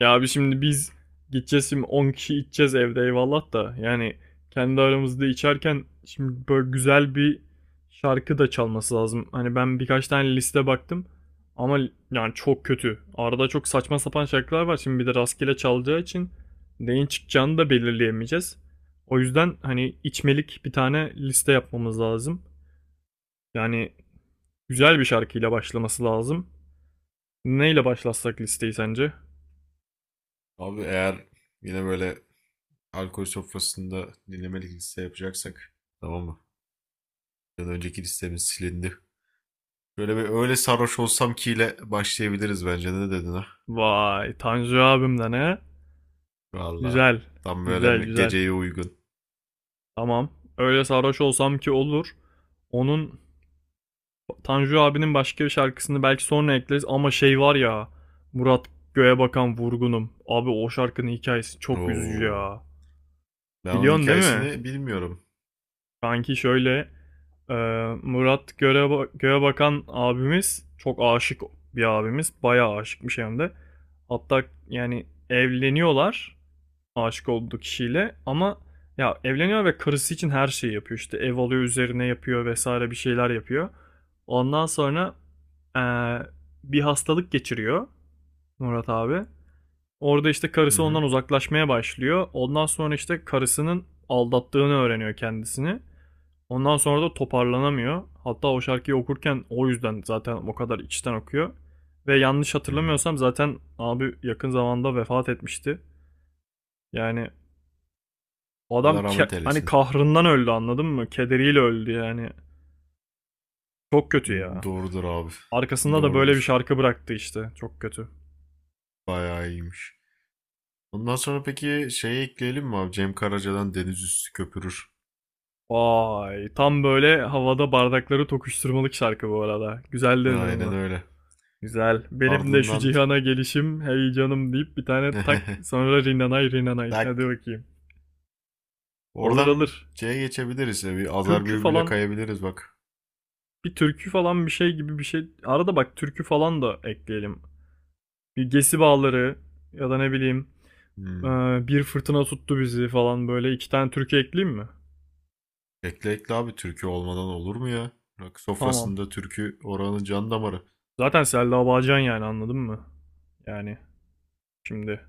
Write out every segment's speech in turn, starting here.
Ya abi şimdi biz gideceğiz şimdi 10 kişi içeceğiz evde eyvallah da yani kendi aramızda içerken şimdi böyle güzel bir şarkı da çalması lazım. Hani ben birkaç tane liste baktım ama yani çok kötü. Arada çok saçma sapan şarkılar var şimdi bir de rastgele çalacağı için neyin çıkacağını da belirleyemeyeceğiz. O yüzden hani içmelik bir tane liste yapmamız lazım. Yani güzel bir şarkıyla başlaması lazım. Neyle başlatsak listeyi sence? Abi eğer yine böyle alkol sofrasında dinlemelik liste yapacaksak, tamam mı? Ya da önceki listemiz silindi. Böyle bir öyle sarhoş olsam ki ile başlayabiliriz bence. Ne dedin ha? Vay Tanju abimden he? Valla. Güzel. Tam böyle Güzel güzel. geceye uygun. Tamam. Öyle sarhoş olsam ki olur. Onun Tanju abinin başka bir şarkısını belki sonra ekleriz ama şey var ya Murat Göğe Bakan Vurgunum. Abi o şarkının hikayesi çok üzücü Oo. ya. Ben onun Biliyorsun değil mi? hikayesini bilmiyorum. Kanki şöyle e, Murat Göğe, Göğe Bakan abimiz çok aşık bir abimiz. Bayağı aşıkmış hem de. Hatta yani evleniyorlar. Aşık olduğu kişiyle ama ya evleniyor ve karısı için her şeyi yapıyor. İşte ev alıyor üzerine yapıyor vesaire bir şeyler yapıyor. Ondan sonra eee, bir hastalık geçiriyor Murat abi. Orada işte Hı karısı hı. ondan uzaklaşmaya başlıyor. Ondan sonra işte karısının aldattığını öğreniyor kendisini. Ondan sonra da toparlanamıyor. Hatta o şarkıyı okurken o yüzden zaten o kadar içten okuyor. Ve yanlış Hı. hatırlamıyorsam zaten abi yakın zamanda vefat etmişti. Yani adam Allah rahmet hani eylesin. kahrından öldü anladın mı? Kederiyle öldü yani. Çok kötü ya. Doğrudur abi. Arkasında da böyle bir Doğrudur. şarkı bıraktı işte. Çok kötü. Bayağı iyiymiş. Ondan sonra peki şeyi ekleyelim mi abi? Cem Karaca'dan Deniz Üstü Köpürür. Vay. Tam böyle havada bardakları tokuşturmalık şarkı bu arada. Güzel dedin Aynen onu. öyle. Güzel. Benim de şu Ardından cihana gelişim hey canım deyip bir tane tak sonra rinanay rinanay. Hadi bak bakayım. Alır oradan alır. şeye geçebiliriz ya. Bir azar Türkü birbirine falan kayabiliriz bak. bir türkü falan bir şey gibi bir şey. Arada bak türkü falan da ekleyelim. Bir gesi bağları ya da ne bileyim. Ee, Hmm. Bir fırtına tuttu bizi falan böyle iki tane türkü ekleyeyim mi? Ekle ekle abi, türkü olmadan olur mu ya? Rock Tamam. sofrasında türkü oranın can damarı. Zaten Selda Bağcan yani anladın mı? Yani şimdi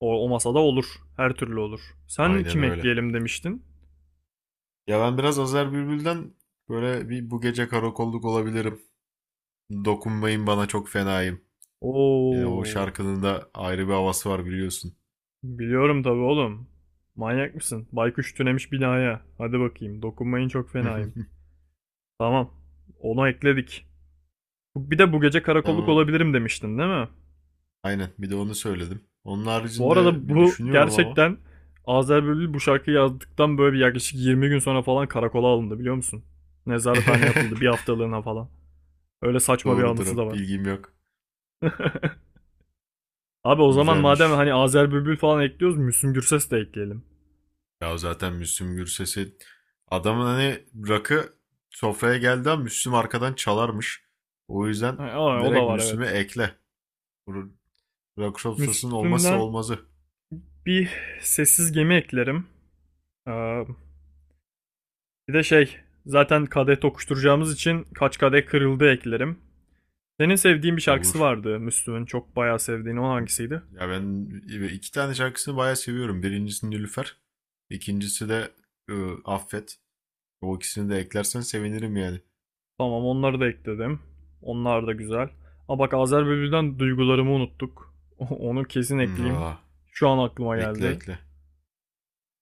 o masada olur. Her türlü olur. Sen Aynen kim öyle. ekleyelim demiştin? Ya ben biraz Azer Bülbül'den böyle bir bu gece karakolluk olabilirim. Dokunmayın bana, çok fenayım. Yani o Oo, şarkının da ayrı bir havası var, biliyorsun. biliyorum tabii oğlum. Manyak mısın? Baykuş tünemiş binaya. Hadi bakayım. Dokunmayın çok fenayım. Tamam. Onu ekledik. Bir de bu gece karakolluk Tamam. olabilirim demiştin değil mi? Aynen, bir de onu söyledim. Onun Bu arada haricinde bir bu düşünüyorum ama. gerçekten Azer Bülbül bu şarkıyı yazdıktan böyle bir yaklaşık 20 gün sonra falan karakola alındı biliyor musun? Nezarethaneye atıldı bir haftalığına falan. Öyle saçma bir anısı da Doğrudur, var. bilgim yok. Abi o zaman madem Güzelmiş. hani Azer Bülbül falan ekliyoruz Müslüm Gürses de ekleyelim. Ya zaten Müslüm Gürses'i, adamın hani rakı sofraya geldi ama Müslüm arkadan çalarmış. O yüzden Aa, o da direkt var Müslüm'ü evet. ekle. Bu rakı sofrasının olmazsa Müslüm'den olmazı, bir sessiz gemi eklerim. Ee, Bir de şey zaten kadeh tokuşturacağımız için kaç kadeh kırıldı eklerim. Senin sevdiğin bir şarkısı olur. vardı Müslüm'ün çok bayağı sevdiğin o hangisiydi? Ya ben iki tane şarkısını bayağı seviyorum. Birincisi Nilüfer. İkincisi de Affet. O ikisini de eklersen sevinirim yani. Tamam onları da ekledim. Onlar da güzel. Aa bak Azer Bülbül'den duygularımı unuttuk. Onu kesin Hı, ekleyeyim. aa, Şu an aklıma ekle geldi. ekle.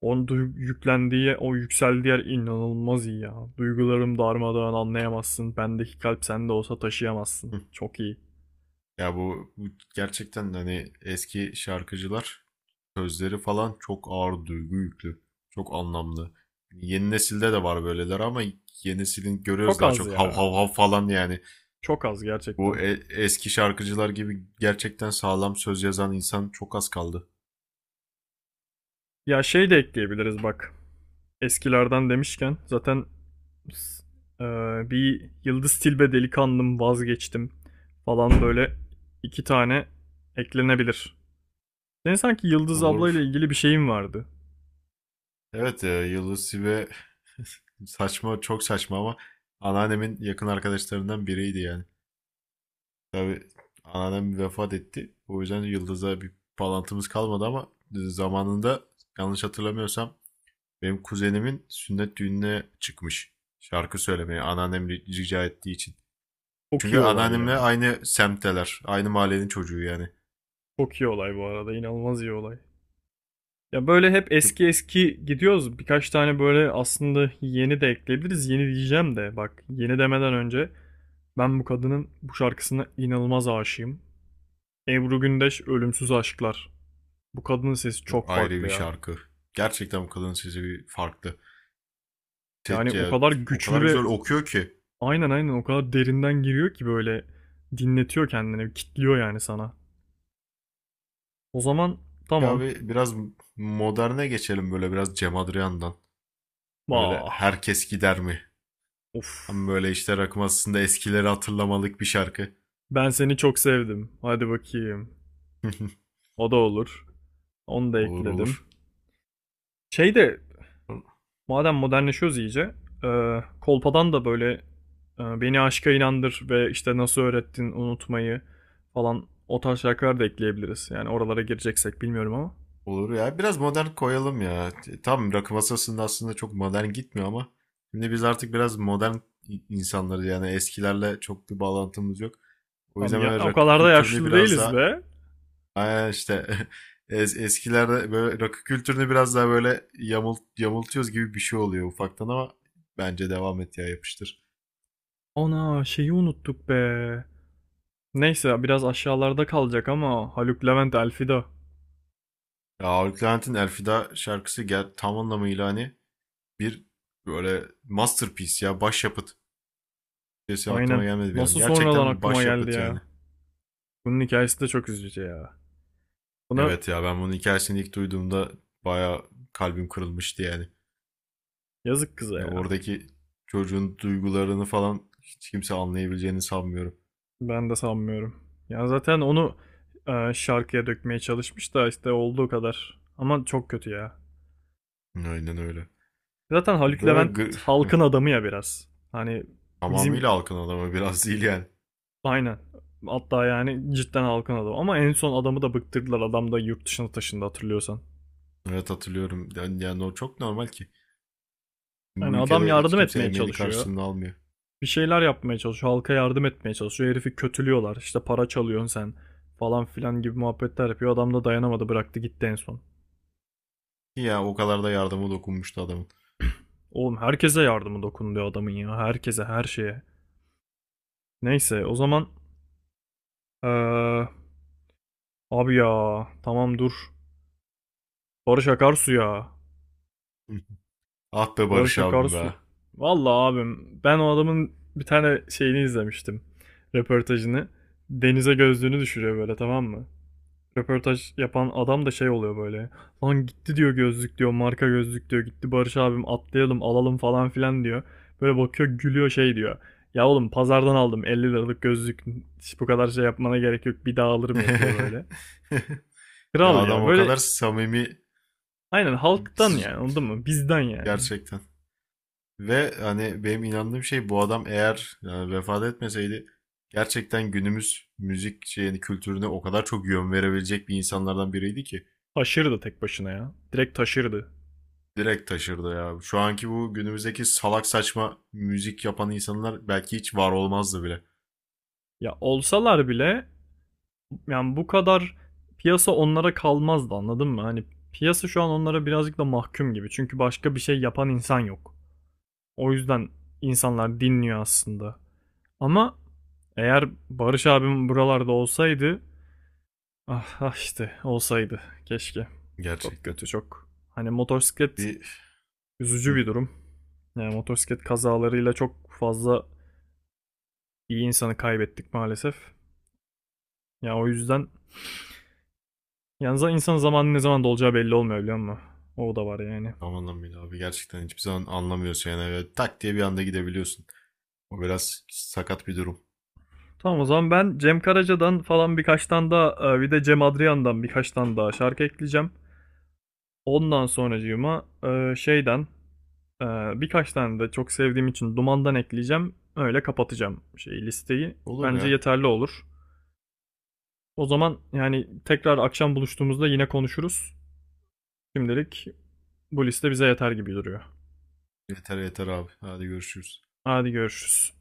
Onun yüklendiği, o yükseldiği yer inanılmaz iyi ya. Duygularım darmadağın anlayamazsın. Bendeki kalp sende olsa taşıyamazsın. Hı. Çok iyi. Ya bu gerçekten hani eski şarkıcılar, sözleri falan çok ağır, duygu yüklü. Çok anlamlı. Yeni nesilde de var böyleler ama yeni nesilin görüyoruz, Çok daha az çok hav ya. hav hav falan yani. Çok az Bu gerçekten. Eski şarkıcılar gibi gerçekten sağlam söz yazan insan çok az kaldı. Ya şey de ekleyebiliriz bak. Eskilerden demişken zaten s- e, bir Yıldız Tilbe delikanlım vazgeçtim falan böyle iki tane eklenebilir. Senin sanki Yıldız ablayla Olur. ilgili bir şeyin vardı. Evet Yıldız ve saçma, çok saçma ama anneannemin yakın arkadaşlarından biriydi yani. Tabii anneannem vefat etti. O yüzden Yıldız'a bir bağlantımız kalmadı ama zamanında, yanlış hatırlamıyorsam, benim kuzenimin sünnet düğününe çıkmış. Şarkı söylemeye, anneannem rica ettiği için. Çok Çünkü iyi olay anneannemle ya. aynı semtteler. Aynı mahallenin çocuğu yani. Çok iyi olay bu arada. İnanılmaz iyi olay. Ya böyle hep eski eski gidiyoruz. Birkaç tane böyle aslında yeni de ekleyebiliriz. Yeni diyeceğim de bak yeni demeden önce ben bu kadının bu şarkısına inanılmaz aşığım. Ebru Gündeş Ölümsüz Aşklar. Bu kadının sesi Çok çok ayrı farklı bir ya. şarkı. Gerçekten bu kadının sesi bir farklı. Te- Yani o ce- kadar O güçlü kadar ve güzel okuyor ki. aynen aynen o kadar derinden giriyor ki böyle dinletiyor kendini, kitliyor yani sana. O zaman Ya tamam. abi biraz moderne geçelim, böyle biraz Cem Adrian'dan. Böyle Bah. herkes gider mi? Ama Of. böyle işte rakım aslında eskileri hatırlamalık bir şarkı. Ben seni çok sevdim. Hadi bakayım. O da olur. Onu da Olur ekledim. olur. Şey de madem modernleşiyoruz iyice, kolpadan da böyle beni aşka inandır ve işte nasıl öğrettin unutmayı falan o tarz şarkılar da ekleyebiliriz. Yani oralara gireceksek bilmiyorum ama. Olur ya. Biraz modern koyalım ya. Tam rakı masasında aslında çok modern gitmiyor ama şimdi biz artık biraz modern insanlarız, yani eskilerle çok bir bağlantımız yok. O Tam yüzden ya, böyle o rakı kadar da kültürünü yaşlı biraz değiliz daha. be. Aynen işte eskilerde böyle rakı kültürünü biraz daha böyle yamultuyoruz gibi bir şey oluyor ufaktan ama bence devam et ya, yapıştır. Ana şeyi unuttuk be. Neyse biraz aşağılarda kalacak ama Haluk Levent Elfida. Ya Ağır Levent'in Elfida şarkısı, gel tam anlamıyla hani bir böyle masterpiece ya, başyapıt. Türkçesi Aynen. aklıma gelmedi bir an. Nasıl sonradan Gerçekten bir aklıma geldi başyapıt yani. ya. Bunun hikayesi de çok üzücü ya. Buna Evet ya, ben bunun hikayesini ilk duyduğumda bayağı kalbim kırılmıştı yani. yazık kıza Yani ya. oradaki çocuğun duygularını falan hiç kimse anlayabileceğini sanmıyorum. Ben de sanmıyorum. Ya zaten onu şarkıya dökmeye çalışmış da işte olduğu kadar. Ama çok kötü ya. Aynen öyle. Zaten Haluk Levent Böyle halkın adamı ya biraz. Hani bizim tamamıyla halkın adamı biraz değil yani. aynen. Hatta yani cidden halkın adamı. Ama en son adamı da bıktırdılar. Adam da yurt dışına taşındı hatırlıyorsan. Evet, hatırlıyorum. Yani o çok normal ki. Yani Bu adam ülkede hiç yardım kimse etmeye emeğini, çalışıyor. karşılığını almıyor. Bir şeyler yapmaya çalışıyor. Halka yardım etmeye çalışıyor. Herifi kötülüyorlar. İşte para çalıyorsun sen falan filan gibi muhabbetler yapıyor. Adam da dayanamadı bıraktı gitti en son. Ki ya o kadar da yardıma dokunmuştu adamın. Oğlum herkese yardımı dokunuyor adamın ya. Herkese her şeye. Neyse o zaman eee, abi ya tamam dur. Barış Akarsu ya. Ah be Barış Barış abim Akarsu. be. Vallahi abim ben o adamın bir tane şeyini izlemiştim. Röportajını. Denize gözlüğünü düşürüyor böyle tamam mı? Röportaj yapan adam da şey oluyor böyle. Lan gitti diyor gözlük diyor marka gözlük diyor gitti Barış abim atlayalım alalım falan filan diyor. Böyle bakıyor gülüyor şey diyor. Ya oğlum pazardan aldım 50 liralık gözlük hiç bu kadar şey yapmana gerek yok bir daha alırım yapıyor böyle. Ya Kral adam ya o kadar böyle samimi. aynen halktan yani anladın mı bizden yani. Gerçekten. Ve hani benim inandığım şey, bu adam eğer yani vefat etmeseydi, gerçekten günümüz müzik şeyini yani, kültürüne o kadar çok yön verebilecek bir insanlardan biriydi ki Taşırdı tek başına ya direkt taşırdı. direkt taşırdı ya. Şu anki, bu günümüzdeki salak saçma müzik yapan insanlar belki hiç var olmazdı bile. Ya olsalar bile yani bu kadar piyasa onlara kalmazdı anladın mı? Hani piyasa şu an onlara birazcık da mahkum gibi. Çünkü başka bir şey yapan insan yok. O yüzden insanlar dinliyor aslında. Ama eğer Barış abim buralarda olsaydı ah, ah işte olsaydı keşke. Çok Gerçekten. kötü çok. Hani motosiklet Bir üzücü hı, bir durum. Yani motosiklet kazalarıyla çok fazla iyi insanı kaybettik maalesef. Ya o yüzden yalnız insan zamanı ne zaman dolacağı belli olmuyor biliyor musun? O da var yani. tam anlamıyla abi, gerçekten hiçbir zaman anlamıyorsun yani. Böyle tak diye bir anda gidebiliyorsun. O biraz sakat bir durum. Tamam o zaman ben Cem Karaca'dan falan birkaç tane daha bir de Cem Adrian'dan birkaç tane daha şarkı ekleyeceğim. Ondan sonracığıma şeyden e, birkaç tane de çok sevdiğim için Duman'dan ekleyeceğim. Öyle kapatacağım şey listeyi. Olur Bence ya. yeterli olur. O zaman yani tekrar akşam buluştuğumuzda yine konuşuruz. Şimdilik bu liste bize yeter gibi duruyor. Yeter yeter abi. Hadi görüşürüz. Hadi görüşürüz.